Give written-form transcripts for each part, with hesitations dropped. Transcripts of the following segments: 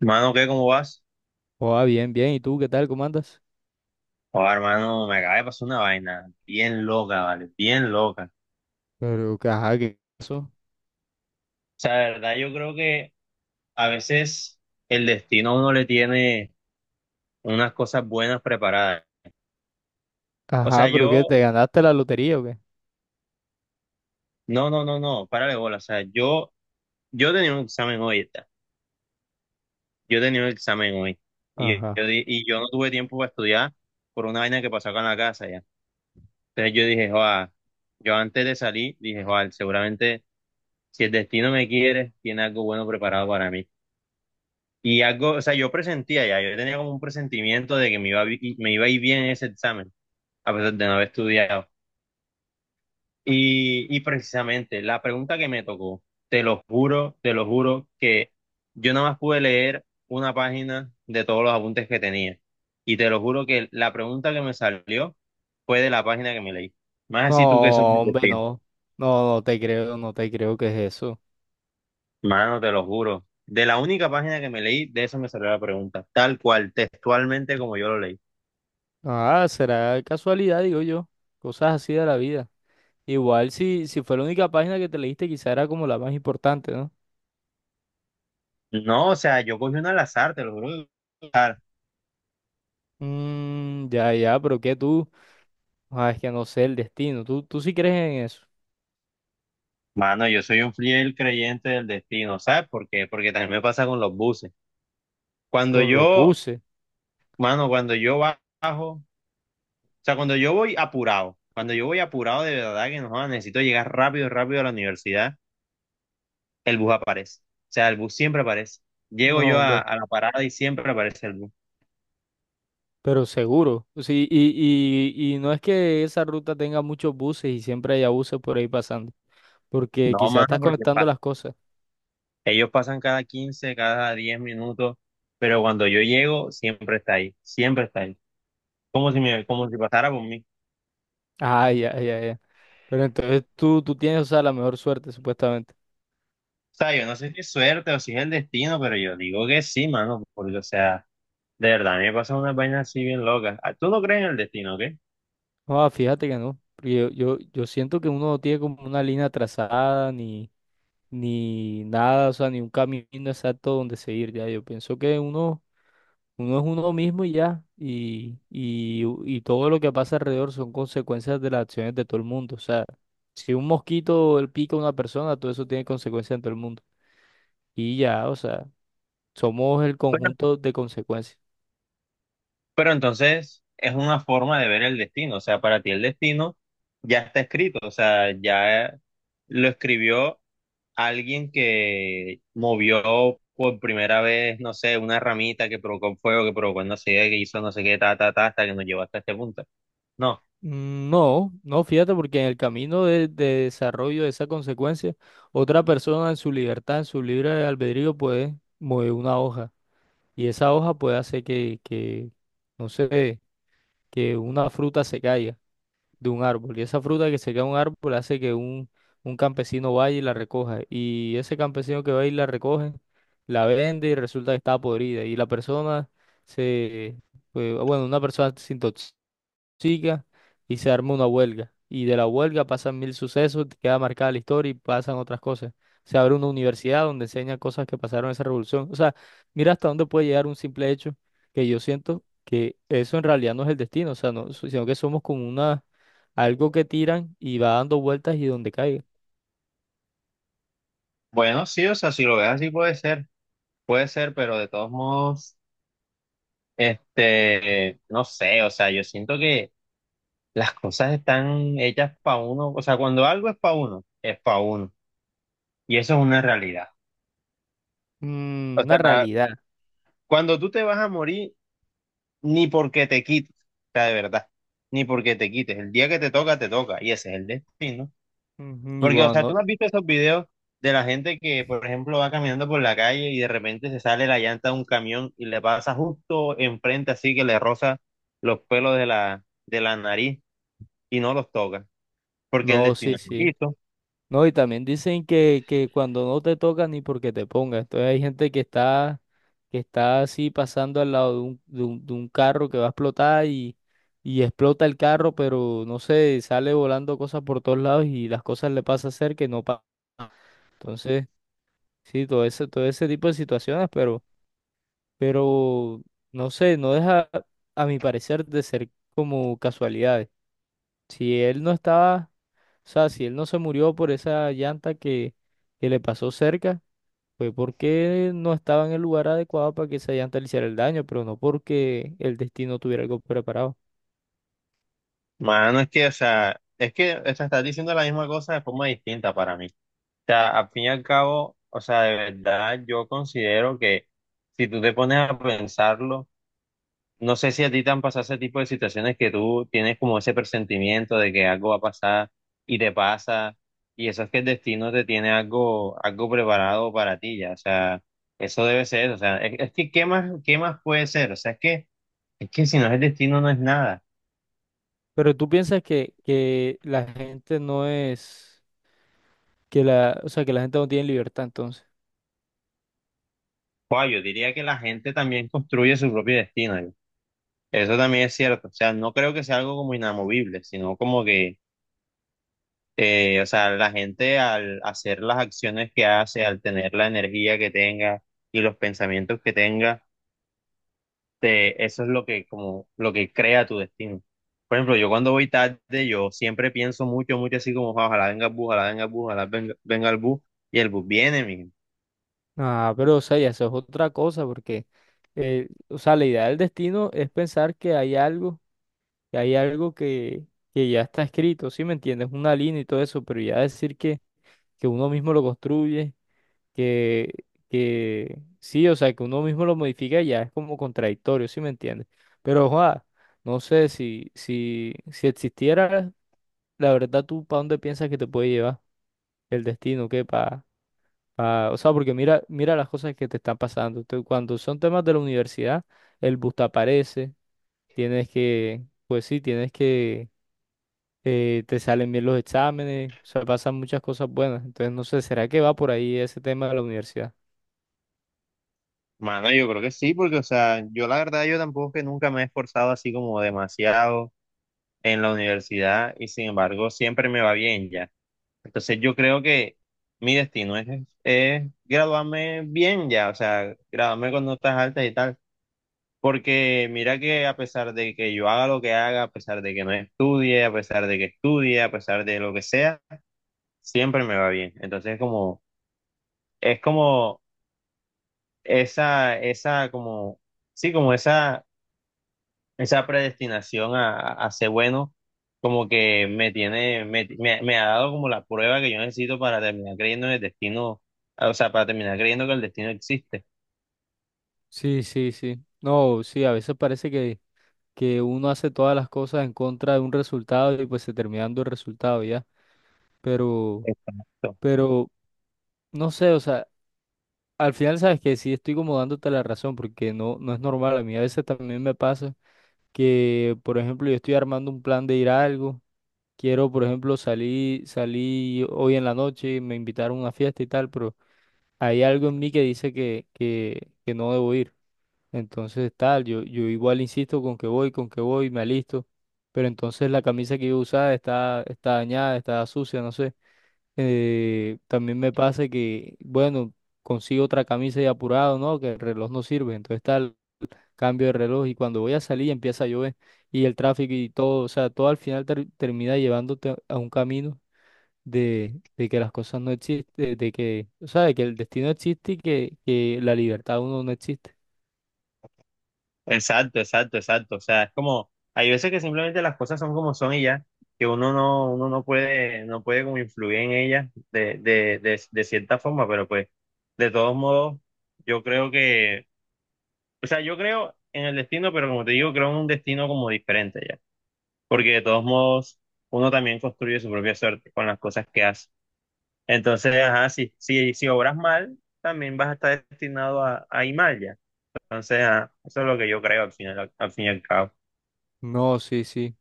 Mano, ¿qué? ¿Cómo vas? Oh, bien, bien. ¿Y tú qué tal? ¿Cómo andas? Oh, hermano, me acaba de pasar una vaina bien loca, ¿vale? Bien loca. O Pero, ajá, ¿qué pasó? sea, de verdad, yo creo que a veces el destino a uno le tiene unas cosas buenas preparadas. O sea, Ajá, ¿pero qué? yo, ¿Te ganaste la lotería o qué? no, no, no, no, párale bola. O sea, yo tenía un examen hoy, ¿está? Yo tenía un examen hoy. Y Ajá. Yo no tuve tiempo para estudiar por una vaina que pasó acá en la casa, ¿ya? Entonces yo dije, joa, yo antes de salir, dije, joa, seguramente si el destino me quiere, tiene algo bueno preparado para mí. Y algo, o sea, yo presentía ya, yo tenía como un presentimiento de que me iba a ir bien en ese examen, a pesar de no haber estudiado. Y precisamente la pregunta que me tocó, te lo juro, que yo nada más pude leer una página de todos los apuntes que tenía. Y te lo juro que la pregunta que me salió fue de la página que me leí. Más así tú que sabes No, hombre, decir, no. No, no te creo, no te creo que es eso. mano, te lo juro. De la única página que me leí, de eso me salió la pregunta, tal cual, textualmente como yo lo leí. Ah, será casualidad, digo yo. Cosas así de la vida. Igual si fue la única página que te leíste, quizá era como la más importante, ¿no? No, o sea, yo cogí una al azar, te lo juro, que cogí una al azar. Mmm, ya, ya, pero ¿qué tú? Ah, es que no sé el destino. ¿Tú sí crees en eso? Mano, yo soy un fiel creyente del destino, ¿sabes por qué? Porque también me pasa con los buses. Cuando Con lo yo, puse. mano, cuando yo bajo, o sea, cuando yo voy apurado, cuando yo voy apurado de verdad que no, joda, necesito llegar rápido, rápido a la universidad, el bus aparece. O sea, el bus siempre aparece. Llego yo No, hombre. a la parada y siempre aparece el bus. Pero seguro, sí, y no es que esa ruta tenga muchos buses y siempre haya buses por ahí pasando, porque No, quizás mano, estás porque conectando las cosas. ellos pasan cada 15, cada 10 minutos, pero cuando yo llego, siempre está ahí, siempre está ahí, como si Mm. me, como si pasara por mí. Ah, ya, ya, ya. Pero entonces tú tienes, o sea, la mejor suerte, supuestamente. O sea, yo no sé si es suerte o si es el destino, pero yo digo que sí, mano, porque, o sea, de verdad, a mí me pasan unas vainas así bien locas. Ah, tú no crees en el destino, ¿ok? No, fíjate que no, porque yo siento que uno no tiene como una línea trazada, ni nada, o sea, ni un camino exacto donde seguir, ya. Yo pienso que uno. Uno es uno mismo y ya. Y todo lo que pasa alrededor son consecuencias de las acciones de todo el mundo. O sea, si un mosquito le pica a una persona, todo eso tiene consecuencias en todo el mundo. Y ya, o sea, somos el Pero, conjunto de consecuencias. pero entonces es una forma de ver el destino, o sea, para ti el destino ya está escrito, o sea, ya lo escribió alguien que movió por primera vez, no sé, una ramita que provocó fuego, que provocó no sé qué, que hizo no sé qué, ta, ta, ta, hasta que nos llevó hasta este punto. No. Mm. No, no, fíjate, porque en el camino de desarrollo de esa consecuencia, otra persona en su libertad, en su libre albedrío, puede mover una hoja. Y esa hoja puede hacer no sé, que una fruta se caiga de un árbol. Y esa fruta que se cae de un árbol hace que un campesino vaya y la recoja. Y ese campesino que va y la recoge, la vende y resulta que está podrida. Y la persona se, pues, bueno, una persona se intoxica y se arma una huelga. Y de la huelga pasan mil sucesos, queda marcada la historia y pasan otras cosas. Se abre una universidad donde enseña cosas que pasaron en esa revolución. O sea, mira hasta dónde puede llegar un simple hecho, que yo siento que eso en realidad no es el destino, o sea, no, sino que somos como una, algo que tiran y va dando vueltas y donde caiga. Bueno, sí, o sea, si lo ves así puede ser. Puede ser, pero de todos modos, este, no sé, o sea, yo siento que las cosas están hechas para uno, o sea, cuando algo es para uno, y eso es una realidad. O Mm, sea, una realidad. cuando tú te vas a morir, ni porque te quites, o sea, de verdad, ni porque te quites, el día que te toca, y ese es el destino. Ujú. Porque, o Igual, sea, tú no, no has visto esos videos de la gente que, por ejemplo, va caminando por la calle y de repente se sale la llanta de un camión y le pasa justo enfrente, así que le roza los pelos de la nariz y no los toca, porque el no, destino sí, es sí. poquito. No, y también dicen que cuando no te toca ni porque te pongas. Entonces hay gente que está así pasando al lado de un, de un carro que va a explotar y explota el carro, pero no sé, sale volando cosas por todos lados y las cosas le pasa a ser que no pasa. Entonces, sí, todo ese tipo de situaciones, pero no sé, no deja, a mi parecer, de ser como casualidades. Si él no estaba, o sea, si él no se murió por esa llanta que le pasó cerca, fue porque no estaba en el lugar adecuado para que esa llanta le hiciera el daño, pero no porque el destino tuviera algo preparado. Mano, es que, o sea, es que, o sea, estás diciendo la misma cosa de forma distinta para mí. O sea, al fin y al cabo, o sea, de verdad, yo considero que si tú te pones a pensarlo, no sé si a ti te han pasado ese tipo de situaciones, que tú tienes como ese presentimiento de que algo va a pasar y te pasa, y eso es que el destino te tiene algo, algo preparado para ti ya, o sea, eso debe ser, o sea, es que qué más puede ser? O sea, es que si no es el destino no es nada. Pero tú piensas que la gente no es, que la, o sea, que la gente no tiene libertad entonces. Guau, yo diría que la gente también construye su propio destino, yo. Eso también es cierto, o sea, no creo que sea algo como inamovible, sino como que, eh, o sea, la gente al hacer las acciones que hace, al tener la energía que tenga y los pensamientos que tenga, eso es lo que como lo que crea tu destino. Por ejemplo, yo cuando voy tarde, yo siempre pienso mucho, mucho así como, "Ah, ojalá venga el bus, ojalá venga el bus, ojalá venga, venga el bus", y el bus viene, mi Ah, pero o sea, ya eso es otra cosa, porque, o sea, la idea del destino es pensar que hay algo, que hay algo que ya está escrito, ¿sí me entiendes? Una línea y todo eso, pero ya decir que uno mismo lo construye, que, que sí, o sea, que uno mismo lo modifica ya es como contradictorio, ¿sí me entiendes? Pero, ojalá, no sé si existiera, la verdad, ¿tú para dónde piensas que te puede llevar el destino? ¿Qué? Ah, o sea, porque mira, mira las cosas que te están pasando. Tú, cuando son temas de la universidad, el bus te aparece, tienes que, pues sí, tienes que, te salen bien los exámenes, o sea, pasan muchas cosas buenas. Entonces, no sé, ¿será que va por ahí ese tema de la universidad? mano, yo creo que sí, porque, o sea, yo la verdad, yo tampoco es que nunca me he esforzado así como demasiado en la universidad, y sin embargo, siempre me va bien ya. Entonces yo creo que mi destino es graduarme bien ya, o sea, graduarme con notas altas y tal. Porque mira que a pesar de que yo haga lo que haga, a pesar de que no estudie, a pesar de que estudie, a pesar de lo que sea, siempre me va bien. Entonces como, es como esa, como, sí, como esa esa predestinación a ser bueno, como que me tiene, me, me ha dado como la prueba que yo necesito para terminar creyendo en el destino, o sea, para terminar creyendo que el destino existe. Sí, sí, sí. No, sí, a veces parece que uno hace todas las cosas en contra de un resultado y pues se termina dando el resultado ya. Pero, Exacto. pero, no sé, o sea. Al final sabes que sí estoy como dándote la razón porque no, no es normal. A mí a veces también me pasa que, por ejemplo, yo estoy armando un plan de ir a algo. Quiero, por ejemplo, salir hoy en la noche, me invitaron a una fiesta y tal, pero hay algo en mí que dice que no debo ir. Entonces, tal, yo igual insisto con que voy, me alisto. Pero entonces la camisa que yo usaba está, está dañada, está sucia, no sé. También me pasa que, bueno, consigo otra camisa y apurado, ¿no? Que el reloj no sirve. Entonces tal, cambio de reloj y cuando voy a salir empieza a llover y el tráfico y todo, o sea, todo al final termina llevándote a un camino de que las cosas no existen, de que, o sea, de que el destino existe y que la libertad de uno no existe. Exacto, exacto, exacto. O sea, es como, hay veces que simplemente las cosas son como son y ya, que uno no puede, no puede como influir en ellas de cierta forma, pero pues, de todos modos, yo creo que, o sea, yo creo en el destino, pero como te digo, creo en un destino como diferente ya. Porque de todos modos uno también construye su propia suerte con las cosas que hace. Entonces, ajá, si obras mal, también vas a estar destinado a ir mal ya. Entonces, ajá, eso es lo que yo creo al final, al fin y al cabo. No, sí, sí.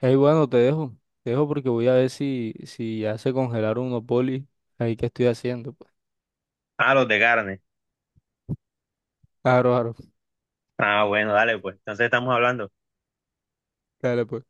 Ey, bueno, te dejo. Te dejo porque voy a ver si ya se congelaron unos polis ahí que estoy haciendo. Pues. Ah, los de carne. Claro, claro. Ah, bueno, dale, pues. Entonces estamos hablando. Dale, pues.